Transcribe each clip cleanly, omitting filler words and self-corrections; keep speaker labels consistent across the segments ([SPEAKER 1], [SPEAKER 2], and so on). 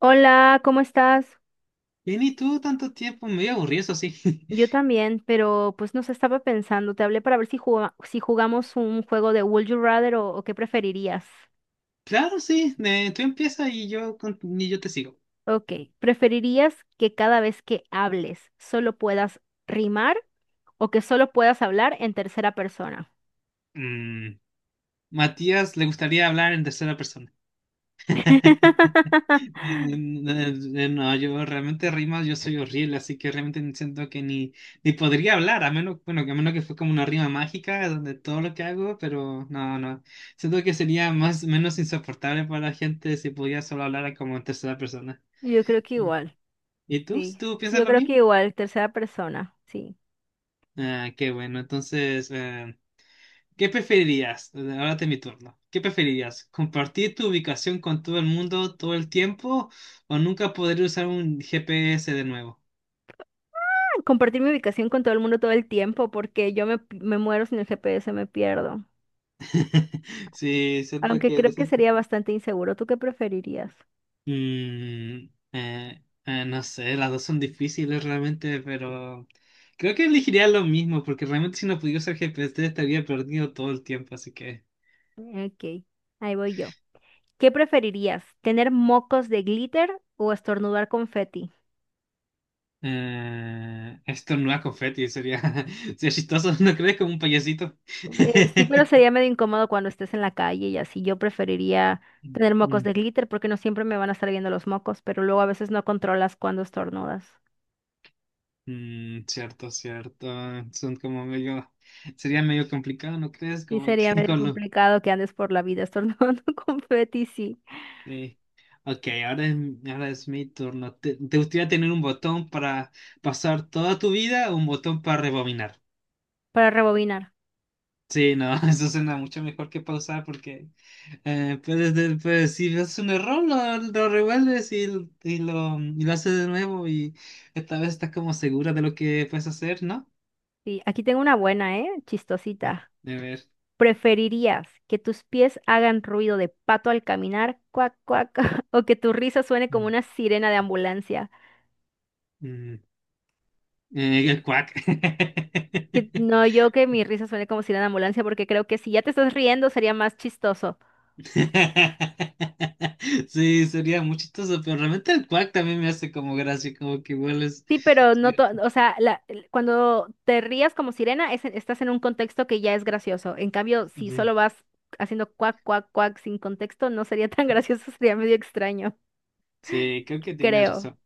[SPEAKER 1] Hola, ¿cómo estás?
[SPEAKER 2] Vení tú tanto tiempo, medio aburrido, eso sí.
[SPEAKER 1] Yo también, pero pues no sé, estaba pensando, te hablé para ver si si jugamos un juego de Would You Rather o qué preferirías.
[SPEAKER 2] Claro, sí, tú empieza y y yo te sigo.
[SPEAKER 1] Ok, ¿preferirías que cada vez que hables solo puedas rimar o que solo puedas hablar en tercera persona?
[SPEAKER 2] Mm, Matías le gustaría hablar en tercera persona. No, yo realmente rimas, yo soy horrible, así que realmente siento que ni podría hablar, a menos, bueno, que a menos que fue como una rima mágica donde todo lo que hago, pero no, no. Siento que sería más, menos insoportable para la gente si pudiera solo hablar como en tercera persona.
[SPEAKER 1] Yo creo que
[SPEAKER 2] ¿Y
[SPEAKER 1] igual,
[SPEAKER 2] y tú?
[SPEAKER 1] sí.
[SPEAKER 2] ¿Tú
[SPEAKER 1] Sí,
[SPEAKER 2] piensas
[SPEAKER 1] yo
[SPEAKER 2] lo
[SPEAKER 1] creo que
[SPEAKER 2] mismo?
[SPEAKER 1] igual, tercera persona, sí.
[SPEAKER 2] Ah, qué bueno. Entonces, ¿qué preferirías? Ahora es mi turno. ¿Qué preferirías? ¿Compartir tu ubicación con todo el mundo todo el tiempo o nunca poder usar un GPS de nuevo?
[SPEAKER 1] Compartir mi ubicación con todo el mundo todo el tiempo porque yo me muero sin el GPS, me pierdo.
[SPEAKER 2] Sí, siento
[SPEAKER 1] Aunque
[SPEAKER 2] que...
[SPEAKER 1] creo que sería bastante inseguro. ¿Tú qué preferirías?
[SPEAKER 2] No sé, las dos son difíciles realmente, pero creo que elegiría lo mismo, porque realmente si no pudiera usar GPS estaría perdido todo el tiempo, así que...
[SPEAKER 1] Ok, ahí voy yo. ¿Qué preferirías? ¿Tener mocos de glitter o estornudar confeti?
[SPEAKER 2] Esto no es confeti, sería, sería chistoso, ¿no crees? Como un payasito.
[SPEAKER 1] Sí, pero sería medio incómodo cuando estés en la calle y así. Yo preferiría tener mocos
[SPEAKER 2] Mm,
[SPEAKER 1] de glitter porque no siempre me van a estar viendo los mocos, pero luego a veces no controlas cuando estornudas.
[SPEAKER 2] mm, cierto, cierto. Son como medio, sería medio complicado, ¿no crees?
[SPEAKER 1] Sí,
[SPEAKER 2] Como
[SPEAKER 1] sería
[SPEAKER 2] que
[SPEAKER 1] medio
[SPEAKER 2] con lo...
[SPEAKER 1] complicado que andes por la vida estornudando confeti, sí.
[SPEAKER 2] sí. Ok, ahora es, ahora es mi turno. ¿Te gustaría tener un botón para pasar toda tu vida o un botón para rebobinar?
[SPEAKER 1] Para rebobinar.
[SPEAKER 2] Sí, no, eso suena mucho mejor que pausar porque si ves un error lo revuelves y y lo haces de nuevo y esta vez estás como segura de lo que puedes hacer, ¿no?
[SPEAKER 1] Sí, aquí tengo una buena, ¿eh? Chistosita.
[SPEAKER 2] A ver.
[SPEAKER 1] ¿Preferirías que tus pies hagan ruido de pato al caminar, cuac, cuac, o que tu risa suene como
[SPEAKER 2] Mm,
[SPEAKER 1] una sirena de ambulancia?
[SPEAKER 2] mm, el cuac.
[SPEAKER 1] Que no, yo que mi risa suene como sirena de ambulancia porque creo que si ya te estás riendo sería más chistoso.
[SPEAKER 2] Sí, sería muy chistoso, pero realmente el cuac también me hace como gracia, como que vuelves.
[SPEAKER 1] Sí, pero no, o sea, cuando te rías como sirena estás en un contexto que ya es gracioso. En cambio, si solo vas haciendo cuac, cuac, cuac sin contexto, no sería tan gracioso, sería medio extraño,
[SPEAKER 2] Sí, creo que tienes
[SPEAKER 1] creo.
[SPEAKER 2] razón.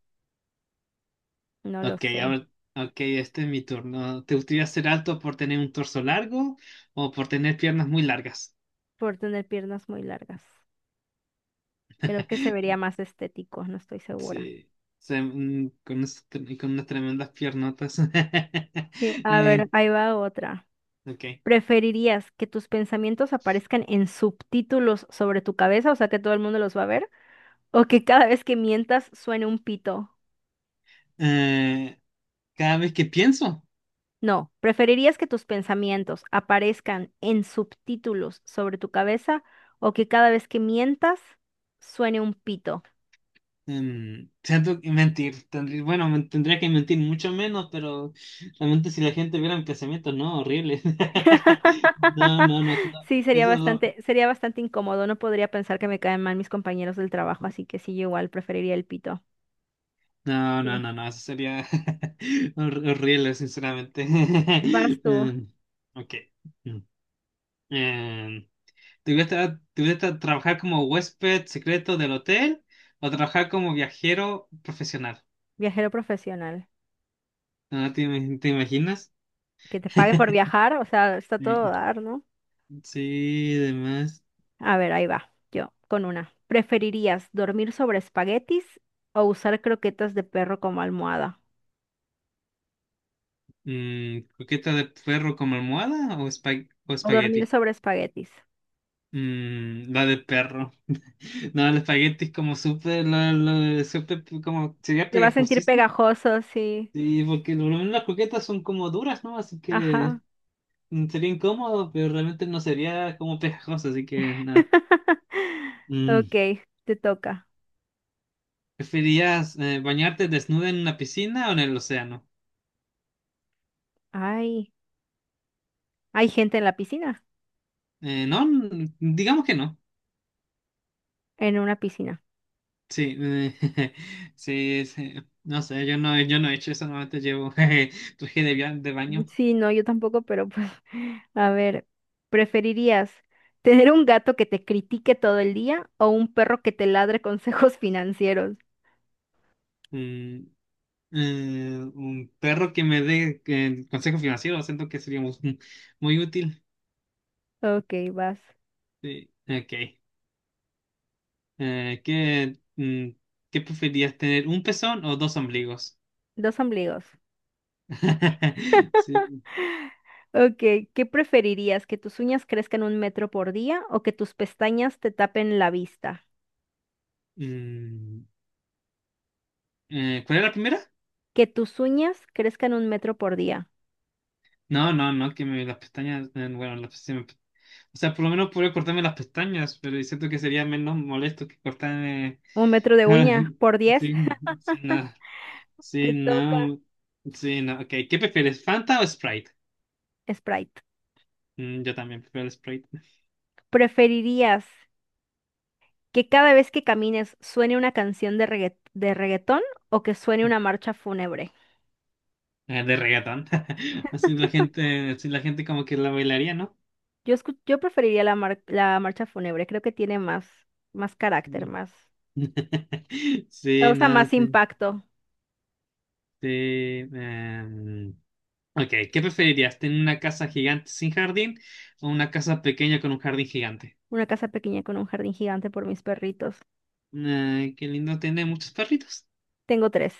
[SPEAKER 1] No lo
[SPEAKER 2] Ok,
[SPEAKER 1] sé,
[SPEAKER 2] ahora, ok, este es mi turno. ¿Te gustaría ser alto por tener un torso largo o por tener piernas muy largas?
[SPEAKER 1] por tener piernas muy largas. Creo que se vería más estético, no estoy segura.
[SPEAKER 2] Sí, con unas tremendas piernotas.
[SPEAKER 1] Sí, a ver,
[SPEAKER 2] Eh,
[SPEAKER 1] ahí va otra.
[SPEAKER 2] ok.
[SPEAKER 1] ¿Preferirías que tus pensamientos aparezcan en subtítulos sobre tu cabeza, o sea que todo el mundo los va a ver? ¿O que cada vez que mientas suene un pito?
[SPEAKER 2] Eh, cada vez que pienso,
[SPEAKER 1] No, ¿preferirías que tus pensamientos aparezcan en subtítulos sobre tu cabeza o que cada vez que mientas suene un pito?
[SPEAKER 2] siento que mentir. Tendría que mentir mucho menos, pero realmente si la gente viera mi pensamiento, no, horrible. No, no, no, eso no,
[SPEAKER 1] Sí,
[SPEAKER 2] eso no lo-
[SPEAKER 1] sería bastante incómodo. No podría pensar que me caen mal mis compañeros del trabajo, así que sí, yo igual preferiría el pito.
[SPEAKER 2] No, no,
[SPEAKER 1] Sí.
[SPEAKER 2] no, no, eso sería horrible, sinceramente.
[SPEAKER 1] Vas tú,
[SPEAKER 2] Em, ok. Mm. Em, ¿Te gusta trabajar como huésped secreto del hotel o trabajar como viajero profesional?
[SPEAKER 1] viajero profesional.
[SPEAKER 2] ¿Te imaginas?
[SPEAKER 1] Que te pague por viajar, o sea, está todo a
[SPEAKER 2] Sí,
[SPEAKER 1] dar, ¿no?
[SPEAKER 2] sí, además.
[SPEAKER 1] A ver, ahí va, yo, con una. ¿Preferirías dormir sobre espaguetis o usar croquetas de perro como almohada?
[SPEAKER 2] Mm, ¿coqueta de perro como almohada o
[SPEAKER 1] O dormir
[SPEAKER 2] espagueti?
[SPEAKER 1] sobre espaguetis.
[SPEAKER 2] Mm, la de perro. No, el espagueti es como súper, como sería
[SPEAKER 1] Te va a
[SPEAKER 2] pegajoso.
[SPEAKER 1] sentir pegajoso, sí.
[SPEAKER 2] Sí, porque por lo menos las croquetas son como duras, ¿no? Así que
[SPEAKER 1] Ajá.
[SPEAKER 2] mm, sería incómodo, pero realmente no sería como pegajoso, así que nada. Mm.
[SPEAKER 1] Ok, te toca.
[SPEAKER 2] ¿Preferirías bañarte desnuda en una piscina o en el océano?
[SPEAKER 1] Ay. Hay gente en la piscina,
[SPEAKER 2] No, digamos que no.
[SPEAKER 1] en una piscina.
[SPEAKER 2] Sí, sí, sí. No sé, yo no he hecho eso, normalmente llevo jeje, traje de baño.
[SPEAKER 1] Sí, no, yo tampoco, pero pues, a ver, ¿preferirías tener un gato que te critique todo el día o un perro que te ladre consejos financieros?
[SPEAKER 2] Mm, un perro que me dé consejo financiero, siento que sería muy, muy útil.
[SPEAKER 1] Ok, vas.
[SPEAKER 2] Sí, ok. Eh, ¿qué, mm, ¿qué preferirías tener? ¿Un pezón o dos ombligos?
[SPEAKER 1] Dos ombligos.
[SPEAKER 2] Sí.
[SPEAKER 1] Ok, ¿qué preferirías? ¿Que tus uñas crezcan un metro por día o que tus pestañas te tapen la vista?
[SPEAKER 2] Mm, ¿cuál era la primera?
[SPEAKER 1] Que tus uñas crezcan un metro por día.
[SPEAKER 2] No, no, no, las pestañas, bueno, las pestañas, o sea, por lo menos podría cortarme las pestañas, pero siento que sería menos molesto que cortarme
[SPEAKER 1] Un metro de uña por diez.
[SPEAKER 2] sin, sin nada.
[SPEAKER 1] Te
[SPEAKER 2] Sí,
[SPEAKER 1] toca.
[SPEAKER 2] no, sí, no, ok, ¿qué prefieres, Fanta o Sprite?
[SPEAKER 1] Sprite.
[SPEAKER 2] Mm, yo también prefiero el Sprite.
[SPEAKER 1] ¿Preferirías que cada vez que camines suene una canción de de reggaetón o que suene una marcha fúnebre.
[SPEAKER 2] De reggaetón, así la gente como que la bailaría, ¿no?
[SPEAKER 1] Yo, yo preferiría la, la marcha fúnebre, creo que tiene más, más carácter, más,
[SPEAKER 2] Sí,
[SPEAKER 1] causa
[SPEAKER 2] no,
[SPEAKER 1] más
[SPEAKER 2] sí,
[SPEAKER 1] impacto.
[SPEAKER 2] sí. em, ok, ¿qué preferirías? ¿Tener una casa gigante sin jardín o una casa pequeña con un jardín gigante?
[SPEAKER 1] Una casa pequeña con un jardín gigante por mis perritos.
[SPEAKER 2] Ah, qué lindo tener muchos perritos.
[SPEAKER 1] Tengo tres.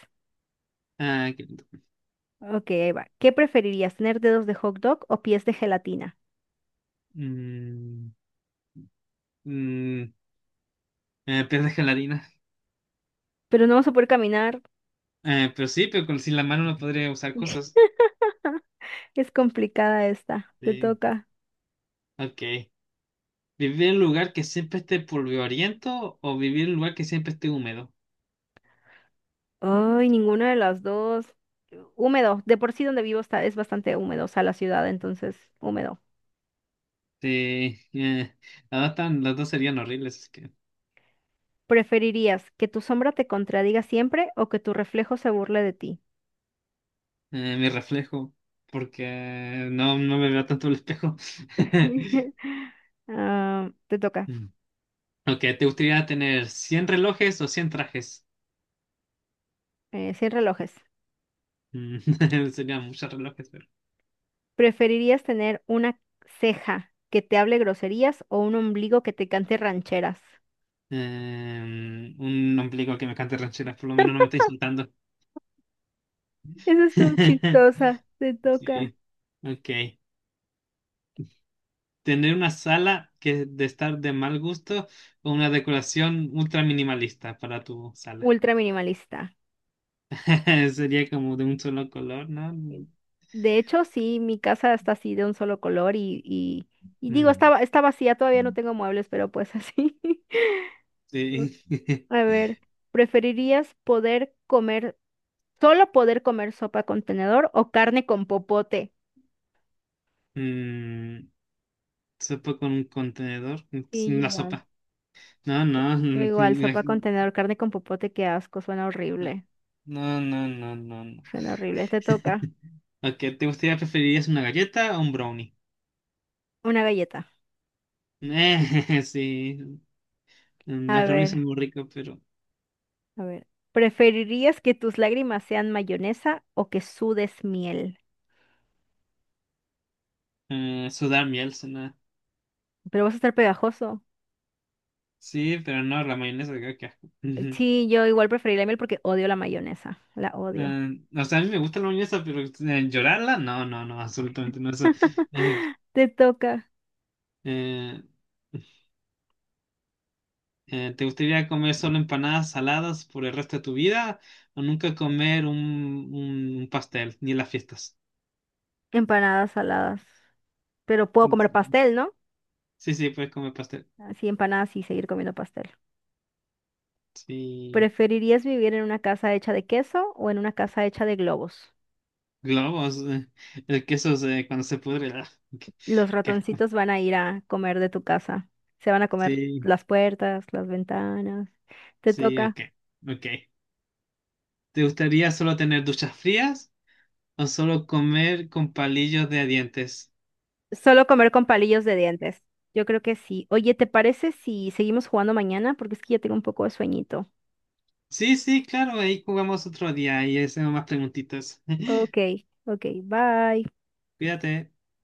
[SPEAKER 2] Ah, qué lindo.
[SPEAKER 1] Ok, ahí va. ¿Qué preferirías, tener dedos de hot dog o pies de gelatina?
[SPEAKER 2] Mm, mm, pero de gelatina.
[SPEAKER 1] Pero no vas a poder caminar.
[SPEAKER 2] Pero sí, pero con, sin la mano no podría usar cosas.
[SPEAKER 1] Es complicada esta. Te
[SPEAKER 2] Sí,
[SPEAKER 1] toca.
[SPEAKER 2] ok. ¿Vivir en un lugar que siempre esté polvoriento o vivir en un lugar que siempre esté húmedo?
[SPEAKER 1] Ay, ninguna de las dos. Húmedo. De por sí donde vivo está, es bastante húmedo, o sea, la ciudad, entonces, húmedo.
[SPEAKER 2] Sí, las dos serían horribles.
[SPEAKER 1] ¿Preferirías que tu sombra te contradiga siempre o que tu reflejo se burle de ti?
[SPEAKER 2] Mi reflejo, porque no, no me veo tanto el espejo.
[SPEAKER 1] Ah, te toca.
[SPEAKER 2] Mm. Ok, ¿te gustaría tener 100 relojes o 100 trajes?
[SPEAKER 1] Sin relojes.
[SPEAKER 2] Mm, serían muchos relojes, pero...
[SPEAKER 1] ¿Preferirías tener una ceja que te hable groserías o un ombligo que te cante rancheras?
[SPEAKER 2] un ombligo que me cante rancheras, por lo menos no me está insultando.
[SPEAKER 1] Eso estuvo chistosa. Te toca.
[SPEAKER 2] Sí, ok. Tener una sala que de estar de mal gusto o una decoración ultra minimalista para tu sala.
[SPEAKER 1] Ultra minimalista.
[SPEAKER 2] Sería como de un solo color, ¿no?
[SPEAKER 1] Sí. De hecho, sí, mi casa está así de un solo color y digo,
[SPEAKER 2] Mm,
[SPEAKER 1] estaba, está vacía, todavía no tengo muebles, pero pues así.
[SPEAKER 2] sí.
[SPEAKER 1] A ver, ¿preferirías poder comer, solo poder comer sopa con tenedor o carne con popote?
[SPEAKER 2] Mm, sopa con un contenedor.
[SPEAKER 1] Sí, yo
[SPEAKER 2] La
[SPEAKER 1] igual.
[SPEAKER 2] sopa. No, no.
[SPEAKER 1] Yo igual, sopa con tenedor, carne con popote, qué asco, suena horrible.
[SPEAKER 2] No, no, no, no, no. No.
[SPEAKER 1] Suena horrible. Te toca
[SPEAKER 2] Ok, ¿te gustaría preferirías una galleta o un brownie?
[SPEAKER 1] una galleta.
[SPEAKER 2] Sí.
[SPEAKER 1] A
[SPEAKER 2] Los brownies
[SPEAKER 1] ver,
[SPEAKER 2] son muy ricos, pero
[SPEAKER 1] a ver. ¿Preferirías que tus lágrimas sean mayonesa o que sudes miel?
[SPEAKER 2] sudar miel suena.
[SPEAKER 1] Pero vas a estar pegajoso.
[SPEAKER 2] Sí, pero no, la mayonesa, qué qué asco. Ujú.
[SPEAKER 1] Sí, yo igual preferiría la miel porque odio la mayonesa. La odio.
[SPEAKER 2] A mí me gusta la mayonesa, pero llorarla, no, no, no, absolutamente no. Eso, eh,
[SPEAKER 1] Te toca
[SPEAKER 2] eh, ¿te gustaría comer solo empanadas saladas por el resto de tu vida o nunca comer un pastel, ni en las fiestas?
[SPEAKER 1] empanadas saladas. Pero puedo
[SPEAKER 2] Mm,
[SPEAKER 1] comer pastel, ¿no?
[SPEAKER 2] sí, sí, puedes comer pastel.
[SPEAKER 1] Así empanadas y seguir comiendo pastel.
[SPEAKER 2] Sí,
[SPEAKER 1] ¿Preferirías vivir en una casa hecha de queso o en una casa hecha de globos?
[SPEAKER 2] globos, el queso se- cuando se pudre. Ah, ok,
[SPEAKER 1] Los
[SPEAKER 2] ok.
[SPEAKER 1] ratoncitos van a ir a comer de tu casa. Se van a comer
[SPEAKER 2] Sí,
[SPEAKER 1] las puertas, las ventanas. Te
[SPEAKER 2] sí,
[SPEAKER 1] toca
[SPEAKER 2] ok, ok. ¿Te gustaría solo tener duchas frías o solo comer con palillos de dientes?
[SPEAKER 1] solo comer con palillos de dientes. Yo creo que sí. Oye, ¿te parece si seguimos jugando mañana? Porque es que ya tengo un poco de sueñito.
[SPEAKER 2] Sí, sí, claro, ahí jugamos otro día y hacemos más preguntitas.
[SPEAKER 1] Ok, ok, bye.
[SPEAKER 2] Cuídate.